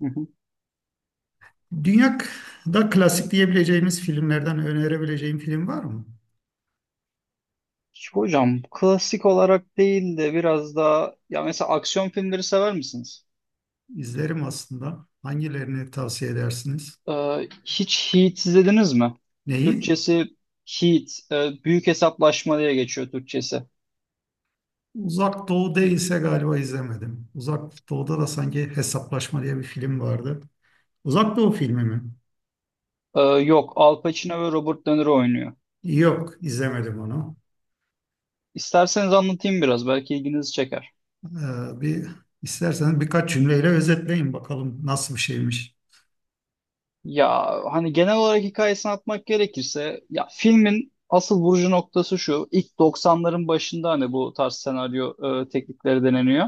Hı hı. Dünyada klasik diyebileceğimiz filmlerden önerebileceğim film var mı? Hocam klasik olarak değil de biraz daha ya mesela aksiyon filmleri sever misiniz? İzlerim aslında. Hangilerini tavsiye edersiniz? Hiç Heat izlediniz mi? Neyi? Türkçesi Heat, büyük hesaplaşma diye geçiyor Türkçesi. Uzak Doğu değilse galiba izlemedim. Uzak Doğu'da da sanki Hesaplaşma diye bir film vardı. Uzak Doğu filmi mi? Yok, Al Pacino ve Robert De Niro oynuyor. Yok, izlemedim onu. İsterseniz anlatayım biraz, belki ilginizi çeker. Bir isterseniz birkaç cümleyle özetleyin bakalım nasıl bir şeymiş. Ya hani genel olarak hikayesini atmak gerekirse, ya filmin asıl vurucu noktası şu, ilk doksanların başında hani bu tarz senaryo teknikleri deneniyor.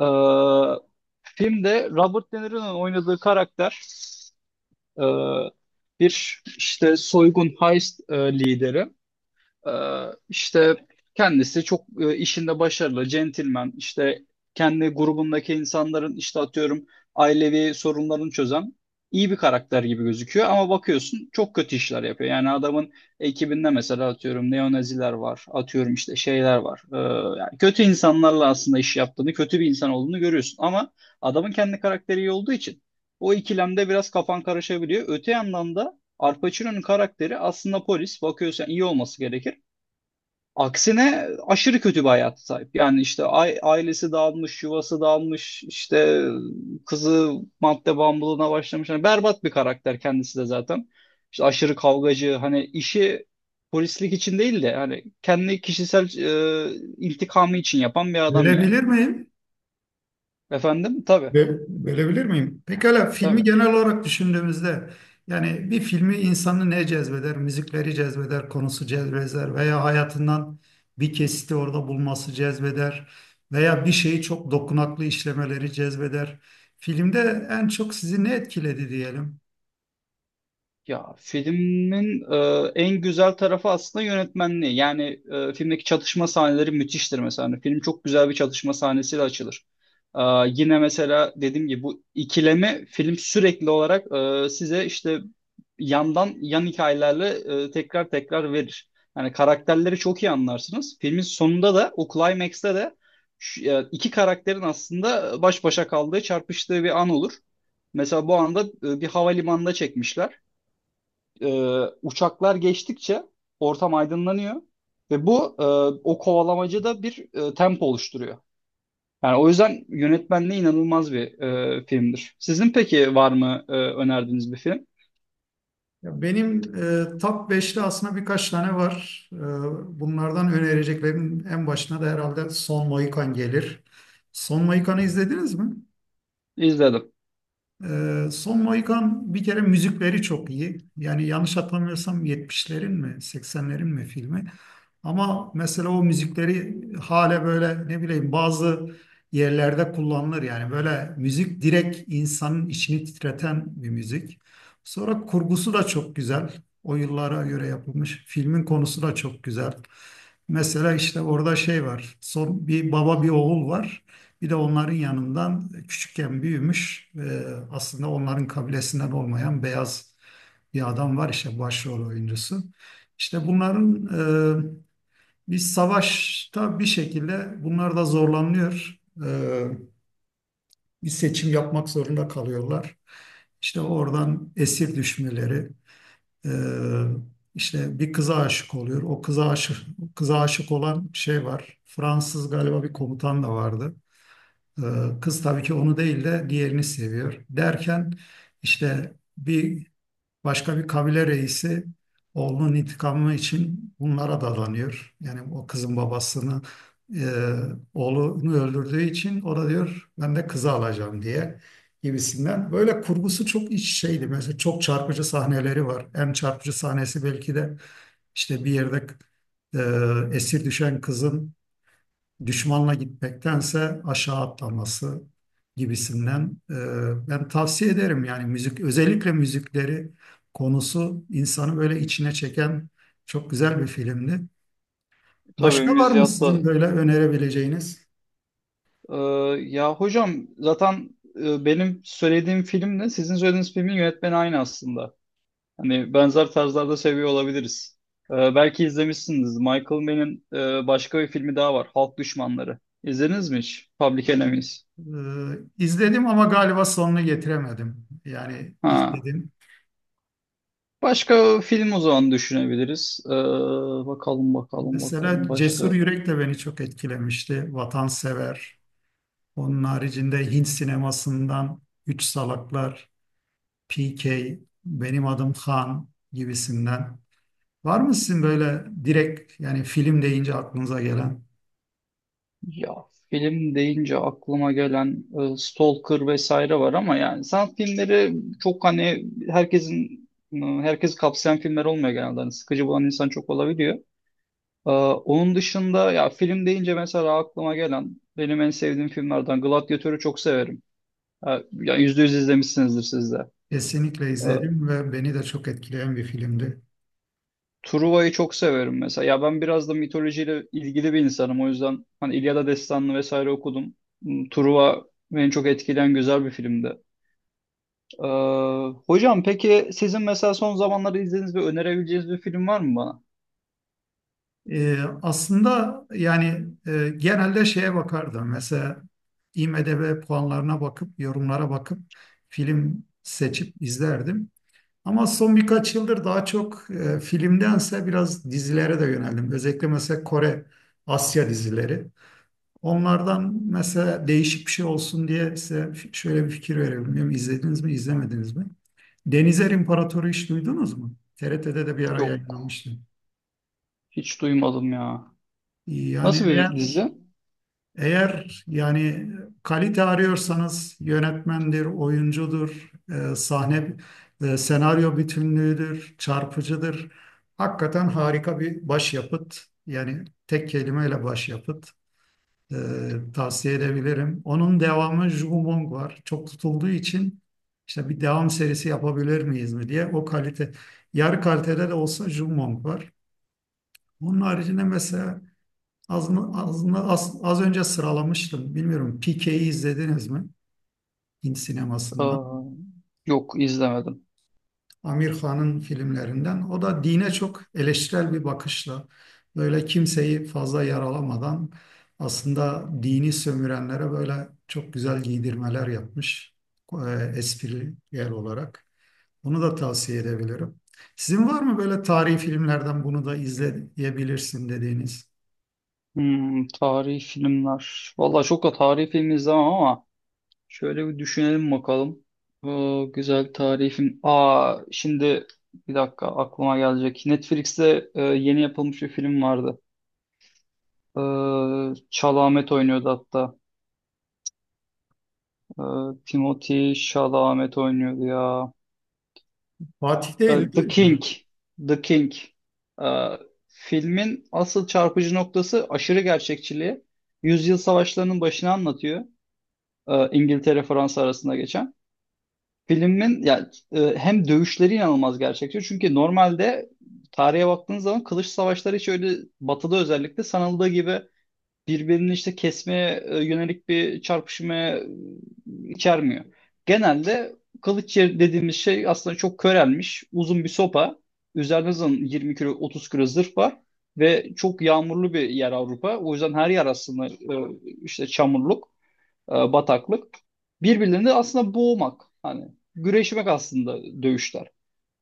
Ee, Filmde Robert De Niro'nun oynadığı karakter e, bir işte soygun heist lideri. Ee, işte kendisi çok işinde başarılı, centilmen, işte kendi grubundaki insanların işte atıyorum ailevi sorunlarını çözen iyi bir karakter gibi gözüküyor ama bakıyorsun çok kötü işler yapıyor. Yani adamın ekibinde mesela atıyorum neonaziler var, atıyorum işte şeyler var. Yani kötü insanlarla aslında iş yaptığını, kötü bir insan olduğunu görüyorsun ama adamın kendi karakteri iyi olduğu için o ikilemde biraz kafan karışabiliyor. Öte yandan da Al Pacino'nun karakteri aslında polis. Bakıyorsan iyi olması gerekir. Aksine aşırı kötü bir hayata sahip. Yani işte ailesi dağılmış, yuvası dağılmış, işte kızı madde bağımlılığına başlamış. Yani berbat bir karakter kendisi de zaten. İşte aşırı kavgacı, hani işi polislik için değil de hani kendi kişisel intikamı için yapan bir adam yani. Görebilir miyim? Efendim? Tabii, Verebilir miyim? Pekala, filmi tabii. genel olarak düşündüğümüzde yani bir filmi insanı ne cezbeder? Müzikleri cezbeder, konusu cezbeder veya hayatından bir kesiti orada bulması cezbeder veya bir şeyi çok dokunaklı işlemeleri cezbeder. Filmde en çok sizi ne etkiledi diyelim? Ya filmin en güzel tarafı aslında yönetmenliği. Yani filmdeki çatışma sahneleri müthiştir mesela. Hani film çok güzel bir çatışma sahnesiyle açılır. E, Yine mesela dediğim gibi bu ikileme film sürekli olarak size işte yandan yan hikayelerle tekrar tekrar verir. Yani karakterleri çok iyi anlarsınız. Filmin sonunda da o climax'te de iki karakterin aslında baş başa kaldığı, çarpıştığı bir an olur. Mesela bu anda bir havalimanında çekmişler uçaklar geçtikçe ortam aydınlanıyor ve o kovalamacı bir tempo oluşturuyor. Yani o yüzden yönetmenliği inanılmaz bir filmdir. Sizin peki var mı önerdiğiniz bir film? Ya benim top 5'te aslında birkaç tane var. Bunlardan önereceklerim en başına da herhalde Son Mohikan gelir. Son Mohikan'ı izlediniz mi? İzledim. Son Mohikan bir kere müzikleri çok iyi. Yani yanlış hatırlamıyorsam 70'lerin mi 80'lerin mi filmi. Ama mesela o müzikleri hala böyle, ne bileyim, bazı yerlerde kullanılır. Yani böyle müzik, direkt insanın içini titreten bir müzik. Sonra kurgusu da çok güzel. O yıllara göre yapılmış. Filmin konusu da çok güzel. Mesela işte orada şey var. Son bir baba bir oğul var. Bir de onların yanından küçükken büyümüş, aslında onların kabilesinden olmayan beyaz bir adam var, işte başrol oyuncusu. İşte bunların e, bir savaşta bir şekilde bunlar da zorlanıyor. E, Bir seçim yapmak zorunda kalıyorlar. İşte oradan esir düşmeleri, e, işte bir kıza aşık oluyor. O kıza aşık, kıza aşık olan şey var. Fransız galiba bir komutan da vardı. Kız tabii ki onu değil de diğerini seviyor. Derken işte bir başka bir kabile reisi oğlunun intikamı için bunlara dadanıyor. Yani o kızın babasını, e, oğlunu öldürdüğü için o da diyor ben de kızı alacağım diye, gibisinden. Böyle kurgusu çok iç şeydi. Mesela çok çarpıcı sahneleri var. En çarpıcı sahnesi belki de işte bir yerde esir düşen kızın düşmanla gitmektense aşağı atlaması gibisinden. Ben tavsiye ederim yani. Müzik, özellikle müzikleri, konusu insanı böyle içine çeken çok güzel bir filmdi. Tabii Başka var mı sizin Müziat'la böyle önerebileceğiniz? e, ya hocam zaten benim söylediğim filmle sizin söylediğiniz filmin yönetmeni aynı aslında. Hani benzer tarzlarda seviyor olabiliriz. Belki izlemişsiniz. Michael Mann'in başka bir filmi daha var. Halk Düşmanları. İzlediniz mi hiç? Public Enemies. E, izledim ama galiba sonunu getiremedim. Yani Ha. izledim. Başka film o zaman düşünebiliriz. Bakalım bakalım bakalım Mesela Cesur başka. Yürek de beni çok etkilemişti. Vatansever. Onun haricinde Hint sinemasından Üç Salaklar, PK, benim adım Han gibisinden. Var mı sizin böyle direkt yani film deyince aklınıza gelen? Ya film deyince aklıma gelen Stalker vesaire var ama yani sanat filmleri çok hani herkesin herkes kapsayan filmler olmuyor genelde. Hani sıkıcı bulan insan çok olabiliyor. Onun dışında ya film deyince mesela aklıma gelen benim en sevdiğim filmlerden Gladiatör'ü çok severim. Ha, ya yüzde yüz izlemişsinizdir siz de. Kesinlikle Ee, izledim ve beni de çok etkileyen bir filmdi. Truva'yı çok severim mesela. Ya ben biraz da mitolojiyle ilgili bir insanım. O yüzden hani İlyada Destanı'nı vesaire okudum. Hmm, Truva beni çok etkileyen güzel bir filmdi. Ee, Hocam peki sizin mesela son zamanlarda izlediğiniz ve önerebileceğiniz bir film var mı bana? Aslında yani genelde şeye bakardım. Mesela IMDb puanlarına bakıp, yorumlara bakıp film seçip izlerdim. Ama son birkaç yıldır daha çok filmdense biraz dizilere de yöneldim. Özellikle mesela Kore, Asya dizileri. Onlardan mesela değişik bir şey olsun diye size şöyle bir fikir verelim. Bilmiyorum, izlediniz mi, izlemediniz mi? Denizer İmparatoru hiç duydunuz mu? TRT'de de bir ara Yok. yayınlanmıştı. Hiç duymadım ya. Yani Nasıl bir eğer dizi? eğer yani kalite arıyorsanız yönetmendir, oyuncudur, sahne, senaryo bütünlüğüdür, çarpıcıdır. Hakikaten harika bir başyapıt. Yani tek kelimeyle başyapıt. E, Tavsiye edebilirim. Onun devamı Jugumong var. Çok tutulduğu için işte bir devam serisi yapabilir miyiz mi diye, o kalite yarı kalitede de olsa, Jugumong var. Onun haricinde mesela az önce sıralamıştım. Bilmiyorum, PK'yi izlediniz mi? Hint sinemasından. Ee, Yok izlemedim. Amir Khan'ın filmlerinden. O da dine çok eleştirel bir bakışla, böyle kimseyi fazla yaralamadan, aslında dini sömürenlere böyle çok güzel giydirmeler yapmış, esprili yer olarak. Onu da tavsiye edebilirim. Sizin var mı böyle tarihi filmlerden bunu da izleyebilirsin dediğiniz? Hmm, tarihi filmler. Valla çok da tarihi film izlemem ama şöyle bir düşünelim bakalım. Güzel tarihi film. Aa, şimdi bir dakika aklıma gelecek. Netflix'te yeni yapılmış bir film vardı. Chalamet oynuyordu hatta. Ee, Timothy Chalamet oynuyordu ya. Fatih değil, The değil mi? King. The King. Ee, Filmin asıl çarpıcı noktası aşırı gerçekçiliği. Yüzyıl savaşlarının başını anlatıyor. İngiltere Fransa arasında geçen. Filmin ya hem dövüşleri inanılmaz gerçekçi. Çünkü normalde tarihe baktığınız zaman kılıç savaşları hiç öyle batıda özellikle sanıldığı gibi birbirini işte kesmeye yönelik bir çarpışmaya içermiyor. Genelde dediğimiz şey aslında çok körelmiş uzun bir sopa. Üzerinde zaten 20 kilo 30 kilo zırh var ve çok yağmurlu bir yer Avrupa. O yüzden her yer aslında işte çamurluk, bataklık. Birbirlerini aslında boğmak hani güreşmek aslında dövüşler.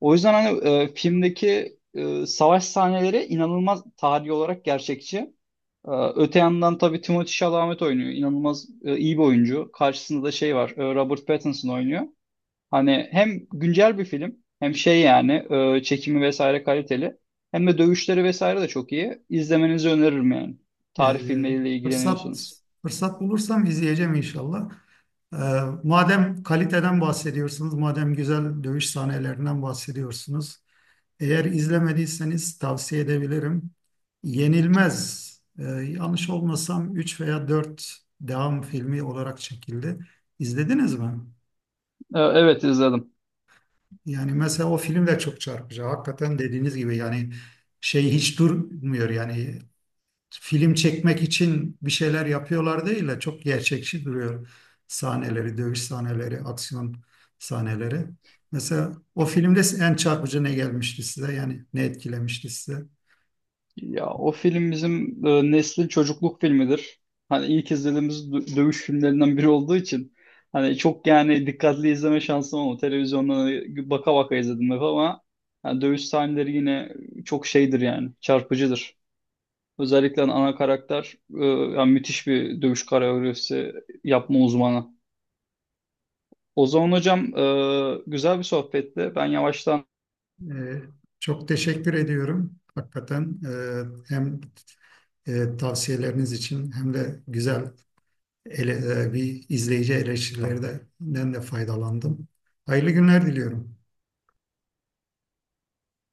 O yüzden hani filmdeki savaş sahneleri inanılmaz tarihi olarak gerçekçi. E, Öte yandan tabii Timothée Chalamet oynuyor. İnanılmaz iyi bir oyuncu. Karşısında da şey var. Robert Pattinson oynuyor. Hani hem güncel bir film hem şey yani çekimi vesaire kaliteli. Hem de dövüşleri vesaire de çok iyi. İzlemenizi öneririm yani. Tarih Ee, filmleriyle fırsat ilgileniyorsanız. fırsat bulursam izleyeceğim inşallah. Ee, Madem kaliteden bahsediyorsunuz, madem güzel dövüş sahnelerinden bahsediyorsunuz, eğer izlemediyseniz tavsiye edebilirim. Yenilmez, yanlış olmasam 3 veya 4 devam filmi olarak çekildi. İzlediniz mi? Evet izledim. Yani mesela o film de çok çarpıcı. Hakikaten dediğiniz gibi yani şey hiç durmuyor yani. Film çekmek için bir şeyler yapıyorlar değil de, çok gerçekçi duruyor sahneleri, dövüş sahneleri, aksiyon sahneleri. Mesela o filmde en çarpıcı ne gelmişti size? Yani ne etkilemişti size? Ya o film bizim neslin çocukluk filmidir. Hani ilk izlediğimiz dövüş filmlerinden biri olduğu için hani çok yani dikkatli izleme şansım olmadı. Televizyondan baka baka izledim hep ama yani dövüş sahneleri yine çok şeydir yani çarpıcıdır. Özellikle hani ana karakter yani müthiş bir dövüş koreografisi yapma uzmanı. O zaman hocam güzel bir sohbetti. Ben yavaştan Ee, Çok teşekkür ediyorum. Hakikaten hem tavsiyeleriniz için, hem de güzel bir izleyici eleştirilerinden de faydalandım. Hayırlı günler diliyorum.